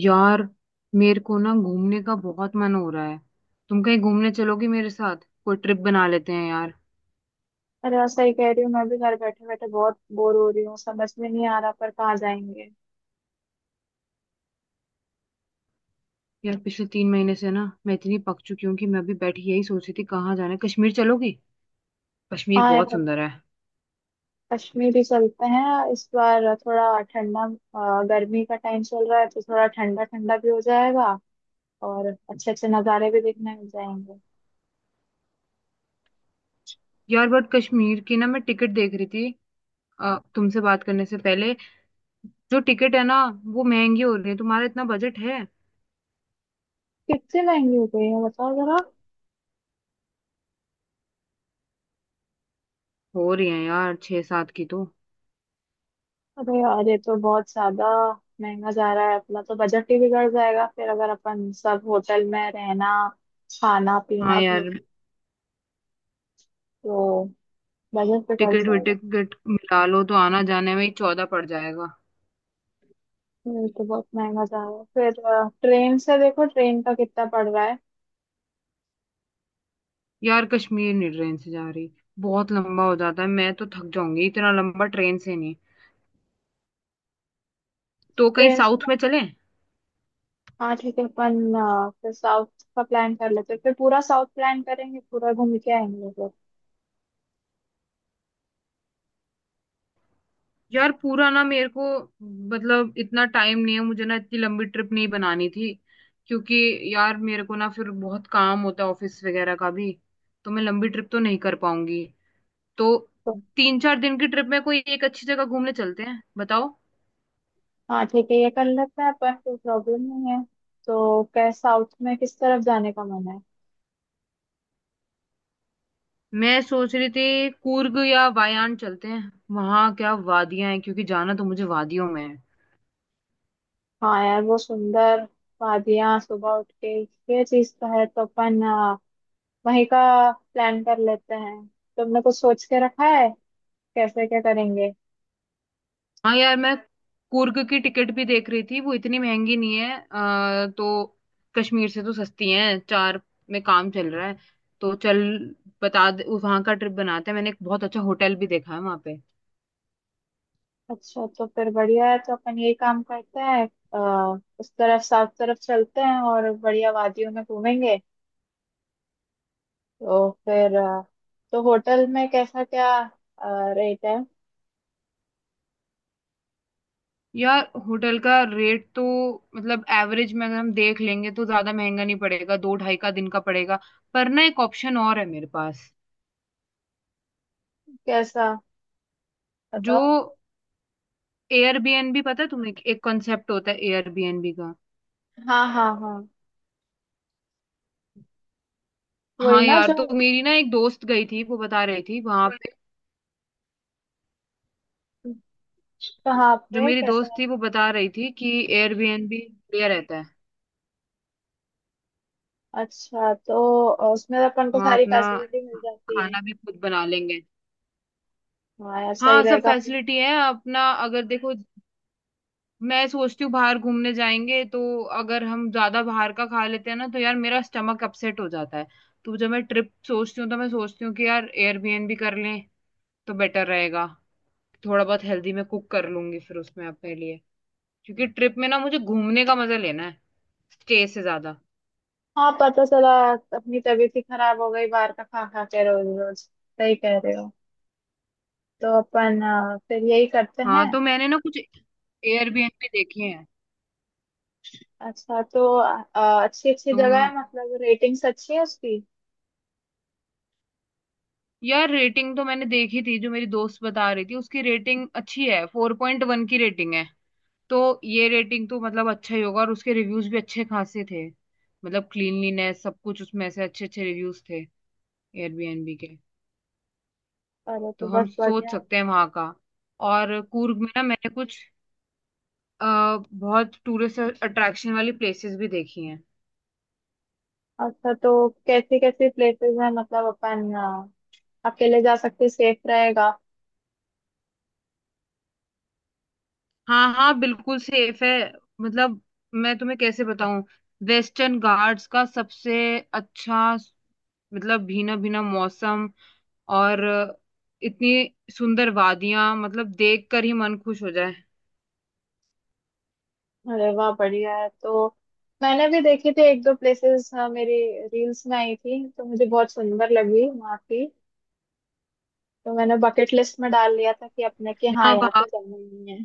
यार, मेरे को ना घूमने का बहुत मन हो रहा है। तुम कहीं घूमने चलोगी मेरे साथ? कोई ट्रिप बना लेते हैं यार। अरे यार, सही कह रही हूँ। मैं भी घर बैठे बैठे बहुत बोर हो रही हूँ। समझ में नहीं आ रहा पर कहाँ जाएंगे? यार, पिछले 3 महीने से ना मैं इतनी पक चुकी हूँ कि मैं भी बैठी यही सोच रही थी कहाँ जाना है। कश्मीर चलोगी? कश्मीर हाँ यार, बहुत सुंदर है। कश्मीर ही चलते हैं इस बार। थोड़ा ठंडा, गर्मी का टाइम चल रहा है तो थोड़ा ठंडा ठंडा भी हो जाएगा और अच्छे अच्छे नज़ारे भी देखने मिल जाएंगे। यार बट कश्मीर की ना मैं टिकट देख रही थी, तुमसे बात करने से पहले। जो टिकट है ना, वो महंगी हो रही है। तुम्हारा इतना बजट है? कितने महंगी हो गई है, बताओ जरा। हो रही है यार, छह सात की तो। अरे यार, ये तो बहुत ज्यादा महंगा जा रहा है। अपना तो बजट ही बिगड़ जाएगा फिर, अगर अपन सब होटल में रहना, खाना हाँ पीना भी, यार। तो बजट बिगड़ टिकट जाएगा। विकट मिला लो तो आना जाने में ही 14 पड़ जाएगा। ये तो बहुत महंगा जा रहा है। फिर ट्रेन से देखो, ट्रेन का कितना पड़ रहा है। यार कश्मीर नहीं, ट्रेन से जा रही। बहुत लंबा हो जाता है, मैं तो थक जाऊंगी, इतना लंबा ट्रेन से नहीं। तो कहीं ट्रेन से। साउथ में चलें? हाँ ठीक है, अपन फिर साउथ का प्लान कर लेते हैं। फिर पूरा साउथ प्लान करेंगे, पूरा घूम के आएंगे फिर। यार, पूरा ना मेरे को, मतलब इतना टाइम नहीं है मुझे ना, इतनी लंबी ट्रिप नहीं बनानी थी, क्योंकि यार मेरे को ना फिर बहुत काम होता है ऑफिस वगैरह का भी। तो मैं लंबी ट्रिप तो नहीं कर पाऊंगी, तो तो 3-4 दिन की ट्रिप में कोई एक अच्छी जगह घूमने चलते हैं, बताओ। हाँ ठीक है, ये कर लेते हैं अपन। कोई प्रॉब्लम नहीं है। तो क्या साउथ में किस तरफ जाने का मन है? मैं सोच रही थी कूर्ग या वायान चलते हैं, वहां क्या वादियां हैं, क्योंकि जाना तो मुझे वादियों में है। हाँ यार, वो सुंदर वादियाँ, सुबह उठ के ये चीज तो है। तो अपन वहीं का प्लान कर लेते हैं। तुमने कुछ सोच के रखा है? कैसे क्या करेंगे? हाँ यार, मैं कुर्ग की टिकट भी देख रही थी, वो इतनी महंगी नहीं है, तो कश्मीर से तो सस्ती है, चार में काम चल रहा है। तो चल, बता दे, वहां का ट्रिप बनाते हैं। मैंने एक बहुत अच्छा होटल भी देखा है वहां पे। अच्छा तो फिर बढ़िया है। तो अपन ये काम करते हैं, उस तरफ साउथ तरफ चलते हैं और बढ़िया वादियों में घूमेंगे। तो फिर तो होटल में कैसा क्या रेट है? यार होटल का रेट तो, मतलब एवरेज में अगर हम देख लेंगे तो ज्यादा महंगा नहीं पड़ेगा, दो ढाई का दिन का पड़ेगा। पर ना एक ऑप्शन और है मेरे पास। कैसा, जो बताओ। एयरबीएनबी, पता है तुम्हें, एक कॉन्सेप्ट होता है एयरबीएनबी का। हाँ हाँ हाँ, वही हाँ ना यार, जो। तो मेरी ना एक दोस्त गई थी, वो बता रही थी वहां पे। कहाँ जो पे मेरी कैसा दोस्त है? थी वो बता रही थी कि एयरबीएनबी बढ़िया रहता है। अच्छा, तो उसमें अपन को वहाँ सारी अपना फैसिलिटी मिल जाती है। खाना भी खुद बना लेंगे। हाँ यार, सही हाँ, सब रहेगा अपन-। फैसिलिटी है। अपना अगर देखो, मैं सोचती हूँ बाहर घूमने जाएंगे, तो अगर हम ज्यादा बाहर का खा लेते हैं ना तो यार मेरा स्टमक अपसेट हो जाता है। तो जब मैं ट्रिप सोचती हूँ तो मैं सोचती हूँ कि यार एयरबीएनबी कर लें तो बेटर रहेगा। थोड़ा बहुत हेल्दी मैं कुक कर लूंगी फिर उसमें अपने लिए, क्योंकि ट्रिप में ना मुझे घूमने का मजा लेना है स्टे से ज्यादा। हाँ, पता चला अपनी तबीयत ही खराब हो गई बाहर का खा खा के रोज रोज। सही कह रहे हो। तो अपन फिर यही करते हाँ, हैं। तो मैंने ना कुछ एयरबीएनबी देखे हैं। अच्छा तो, अच्छी अच्छी जगह तुम? है मतलब? रेटिंग्स अच्छी है उसकी? यार रेटिंग तो मैंने देखी थी, जो मेरी दोस्त बता रही थी उसकी रेटिंग अच्छी है, 4.1 की रेटिंग है। तो ये रेटिंग तो मतलब अच्छा ही होगा, और उसके रिव्यूज भी अच्छे खासे थे। मतलब क्लीनलीनेस सब कुछ, उसमें से अच्छे अच्छे रिव्यूज थे एयरबीएनबी के। अरे तो तो हम बस सोच बढ़िया है। सकते हैं वहां का। और कूर्ग में ना मैंने कुछ, बहुत टूरिस्ट अट्रैक्शन वाली प्लेसेस भी देखी हैं। अच्छा, तो कैसी कैसी प्लेसेस हैं? मतलब अपन अकेले जा सकते, सेफ रहेगा? हाँ हाँ, बिल्कुल सेफ है। मतलब, मैं तुम्हें कैसे बताऊं, वेस्टर्न घाट्स का सबसे अच्छा, मतलब भीना-भीना मौसम और इतनी सुंदर वादियां, मतलब देख कर ही मन खुश हो जाए। अरे वाह, बढ़िया है। तो मैंने भी देखी थी एक दो प्लेसेस, मेरी रील्स में आई थी तो मुझे बहुत सुंदर लगी वहाँ की। तो मैंने बकेट लिस्ट में डाल लिया था कि अपने कि हाँ, यहाँ यहाँ वहाँ तो जाना ही है।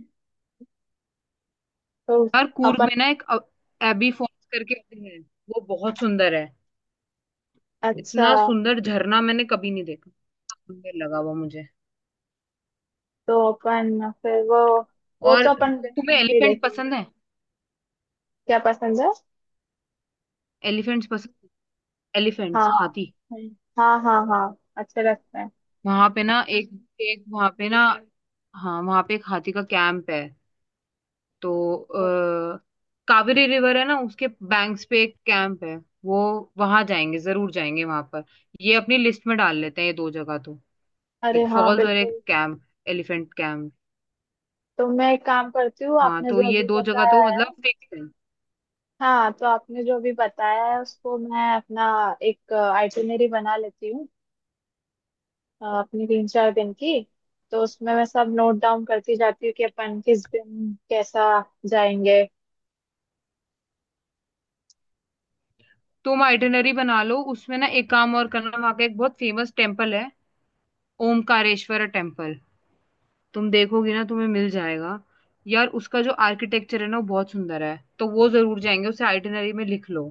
तो हर कूर्ग अपन। में ना एक एबी फॉल्स करके है, वो बहुत सुंदर है। अच्छा। इतना सुंदर झरना मैंने कभी नहीं देखा, सुंदर लगा वो मुझे। तो अपन फिर वो और तो अपन तुम्हें डेफिनेटली एलिफेंट देखेंगे। पसंद है? क्या पसंद है? एलिफेंट्स पसंद? हाँ। एलिफेंट्स, हाथी। हम्म, हाँ हाँ हाँ, अच्छे लगते हैं। वहां पे ना एक एक वहां पे ना हाँ, वहां पे एक हाथी का कैंप है। तो कावेरी रिवर है ना, उसके बैंक्स पे एक कैंप है वो। वहां जाएंगे, जरूर जाएंगे वहां पर। ये अपनी लिस्ट में डाल लेते हैं ये दो जगह तो। अरे एक हाँ फॉल्स और एक बिल्कुल। Camp, elephant camp. तो मैं एक काम करती हूँ, हाँ आपने तो जो ये अभी दो जगह बताया तो है। मतलब फिक्स है। हाँ, तो आपने जो अभी बताया है उसको मैं अपना एक आइटिनरी बना लेती हूँ, अपनी तीन चार दिन की। तो उसमें मैं सब नोट डाउन करती जाती हूँ कि अपन किस दिन कैसा जाएंगे। तुम आइटिनरी बना लो, उसमें ना एक काम और करना, वहां का एक बहुत फेमस टेम्पल है, ओमकारेश्वर टेम्पल। तुम देखोगी ना, तुम्हें मिल जाएगा। यार उसका जो आर्किटेक्चर है ना वो बहुत सुंदर है, तो वो जरूर जाएंगे, उसे आइटिनरी में लिख लो।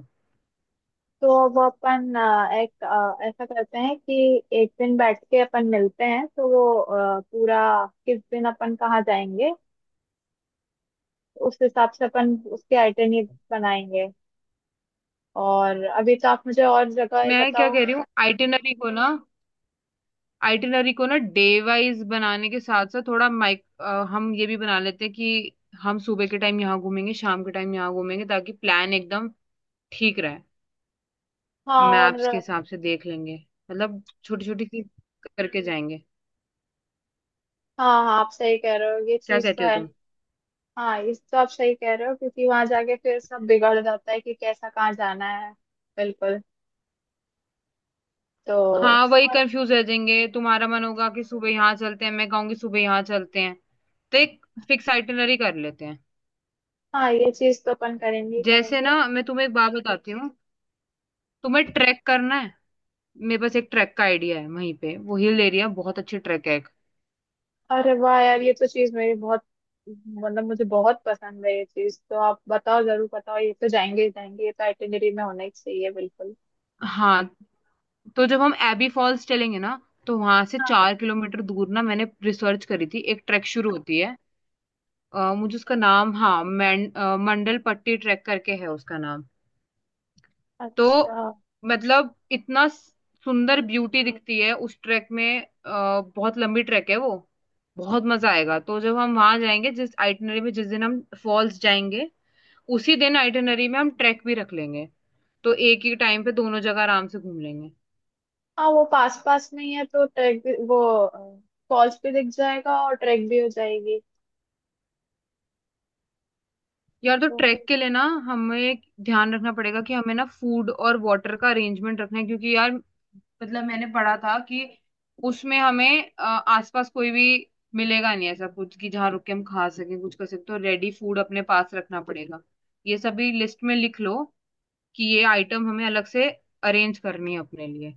तो अब अपन एक ऐसा करते हैं कि एक दिन बैठ के अपन मिलते हैं, तो वो पूरा, किस दिन अपन कहाँ जाएंगे उस हिसाब से अपन उसके आइटनरी बनाएंगे। और अभी तो आप मुझे और जगह ये मैं क्या बताओ। कह रही हूँ, आइटिनरी को ना, आइटिनरी को ना डे वाइज बनाने के साथ साथ थोड़ा माइक, हम ये भी बना लेते हैं कि हम सुबह के टाइम यहाँ घूमेंगे, शाम के टाइम यहाँ घूमेंगे, ताकि प्लान एकदम ठीक रहे। हाँ, और मैप्स के हाँ। हिसाब से देख लेंगे, मतलब छोटी छोटी सी करके जाएंगे। हाँ, आप सही कह रहे हो, ये क्या चीज़ तो कहते हो है। तुम? हाँ, इस तो आप सही कह रहे हो क्योंकि वहां जाके फिर सब बिगड़ जाता है कि कैसा कहाँ जाना है। बिल्कुल। तो। हाँ, वही और। कंफ्यूज रह जाएंगे, तुम्हारा मन होगा कि सुबह यहाँ चलते हैं, मैं कहूंगी सुबह यहाँ चलते हैं। तो एक फिक्स आइटिनरी कर लेते हैं। हाँ, ये चीज़ तो अपन करेंगे ही जैसे करेंगे। ना मैं तुम्हें एक बात बताती हूँ, तुम्हें ट्रैक करना है, मेरे पास एक ट्रैक का आइडिया है, वहीं पे वो हिल एरिया बहुत अच्छी ट्रैक है। अरे वाह यार, ये तो चीज मेरी बहुत, मतलब मुझे बहुत पसंद है। ये चीज तो आप बताओ, जरूर बताओ, ये तो जाएंगे ही जाएंगे। ये तो आइटिनरी में होना ही चाहिए, बिल्कुल। हाँ, तो जब हम एबी फॉल्स चलेंगे ना, तो वहां से हाँ। 4 किलोमीटर दूर ना मैंने रिसर्च करी थी, एक ट्रैक शुरू होती है। मुझे उसका नाम, हाँ, मंडल पट्टी ट्रैक करके है उसका नाम। तो अच्छा। मतलब इतना सुंदर ब्यूटी दिखती है उस ट्रैक में, बहुत लंबी ट्रैक है वो, बहुत मजा आएगा। तो जब हम वहां जाएंगे, जिस आइटनरी में जिस दिन हम फॉल्स जाएंगे, उसी दिन आइटनरी में हम ट्रैक भी रख लेंगे, तो एक ही टाइम पे दोनों जगह आराम से घूम लेंगे। हाँ, वो पास पास में ही है, तो ट्रैक भी वो, फॉल्स भी दिख जाएगा और ट्रैक भी हो जाएगी। यार, तो तो ट्रैक बिल्कुल। के लिए ना हमें ध्यान रखना पड़ेगा कि हमें ना फूड और वाटर का अरेंजमेंट रखना है, क्योंकि यार मतलब मैंने पढ़ा था कि उसमें हमें आसपास कोई भी मिलेगा नहीं, ऐसा कुछ कि जहाँ रुक के हम खा सकें कुछ कर सकते, तो रेडी फूड अपने पास रखना पड़ेगा। ये सभी लिस्ट में लिख लो कि ये आइटम हमें अलग से अरेंज करनी है अपने लिए।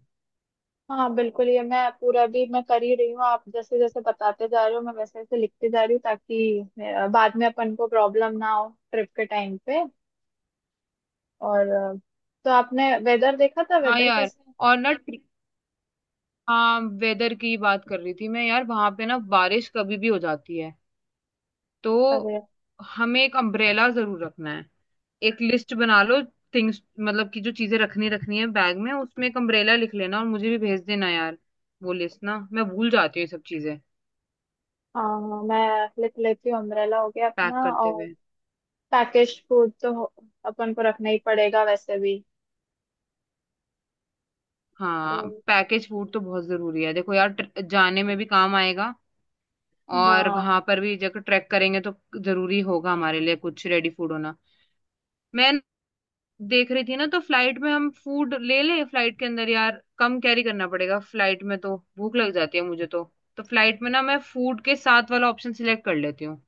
हाँ बिल्कुल, ये मैं पूरा भी मैं कर ही रही हूँ। आप जैसे जैसे बताते जा रहे हो, मैं वैसे वैसे लिखते जा रही हूँ, ताकि बाद में अपन को प्रॉब्लम ना हो ट्रिप के टाइम पे। और तो आपने वेदर देखा था? हाँ वेदर यार। कैसे और ना हाँ, वेदर की बात कर रही थी मैं, यार वहां पे ना बारिश कभी भी हो जाती है, तो है? हमें एक अम्ब्रेला जरूर रखना है। एक लिस्ट बना लो थिंग्स, मतलब कि जो चीजें रखनी रखनी है बैग में, उसमें एक अम्ब्रेला लिख लेना और मुझे भी भेज देना यार, वो लिस्ट ना मैं भूल जाती हूँ ये सब चीजें हाँ, मैं लिख लेती हूँ। अम्ब्रेला हो गया पैक अपना, करते और हुए। पैकेज फूड तो हो-, अपन को रखना ही पड़ेगा वैसे भी। तो हाँ, पैकेज फूड तो बहुत जरूरी है, देखो यार जाने में भी काम आएगा, और हाँ वहां पर भी जब ट्रैक करेंगे तो जरूरी होगा हमारे लिए कुछ रेडी फूड होना। मैं देख रही थी ना, तो फ्लाइट में हम फूड ले ले, फ्लाइट के अंदर यार कम कैरी करना पड़ेगा। फ्लाइट में तो भूख लग जाती है मुझे तो फ्लाइट में ना मैं फूड के साथ वाला ऑप्शन सिलेक्ट कर लेती हूँ।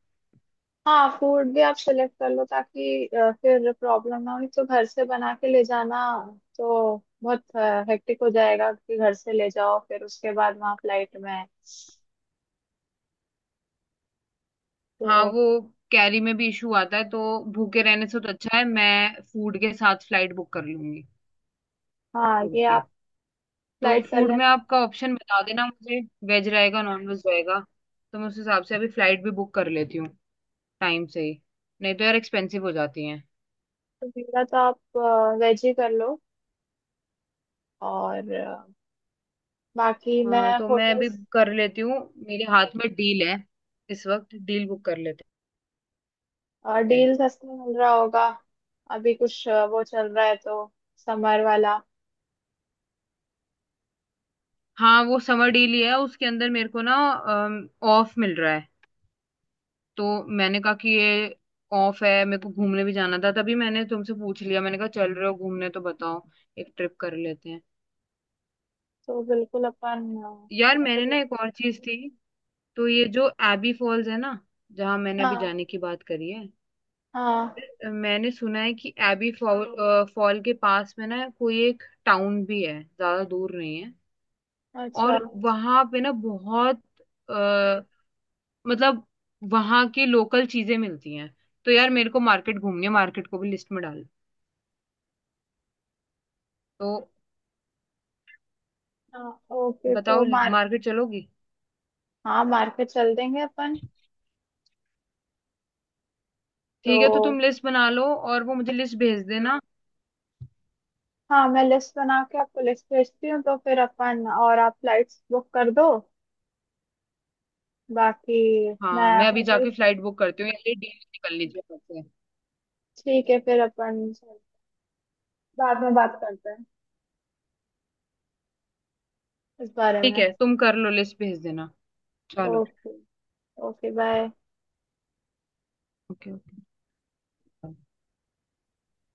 हाँ, फूड भी आप सिलेक्ट कर लो ताकि फिर प्रॉब्लम ना हो। एक तो घर से बना के ले जाना तो बहुत हेक्टिक हो जाएगा कि घर से ले जाओ फिर उसके बाद वहाँ फ्लाइट में है। हाँ, तो वो कैरी में भी इशू आता है, तो भूखे रहने से तो अच्छा है, मैं फूड के साथ फ्लाइट बुक कर लूंगी। हाँ, ये ओके, आप तो फ्लाइट कर फूड में लेना। आपका ऑप्शन बता देना मुझे, वेज रहेगा नॉन वेज रहेगा, तो मैं उस हिसाब से अभी फ्लाइट भी बुक कर लेती हूँ, टाइम से ही, नहीं तो यार एक्सपेंसिव हो जाती है। तो मेरा तो आप वेज ही कर लो, और बाकी मैं हाँ, तो मैं अभी होटल्स। कर लेती हूँ, मेरे हाथ में डील है, इस वक्त डील बुक कर लेते और हैं। डील सस्ते में मिल रहा होगा? अभी कुछ वो चल रहा है तो, समर वाला। हाँ वो समर डील ही है, उसके अंदर मेरे को ना ऑफ मिल रहा है, तो मैंने कहा कि ये ऑफ है, मेरे को घूमने भी जाना था, तभी मैंने तुमसे पूछ लिया, मैंने कहा चल रहे हो घूमने तो बताओ, एक ट्रिप कर लेते हैं। तो बिल्कुल अपन यार, ये तो मैंने ना कर-। एक और चीज थी, तो ये जो एबी फॉल्स है ना, जहाँ मैंने अभी हाँ। जाने की बात करी है, हाँ। मैंने सुना है कि एबी फॉल, फॉल के पास में ना कोई एक टाउन भी है, ज्यादा दूर नहीं है। अच्छा। और वहां पे ना बहुत, आ, मतलब वहां की लोकल चीजें मिलती हैं। तो यार मेरे को मार्केट घूमनी है, मार्केट को भी लिस्ट में डाल। तो हाँ ओके, तो बताओ, मार्क। मार्केट चलोगी? हाँ, मार्केट चल देंगे अपन। ठीक है, तो तुम तो लिस्ट बना लो और वो मुझे लिस्ट भेज देना। हाँ, मैं लिस्ट बना के आपको लिस्ट भेजती हूँ, तो फिर अपन और आप फ्लाइट्स बुक कर दो। बाकी मैं हाँ, मैं अभी होटल। जाके फ्लाइट बुक करती हूँ यार, ये डील निकल लीजिए मुझसे। ठीक है, फिर अपन बाद में बात करते हैं इस बारे ठीक में। है, तुम कर लो, लिस्ट भेज देना। चलो। Okay. Okay bye. Okay. Okay.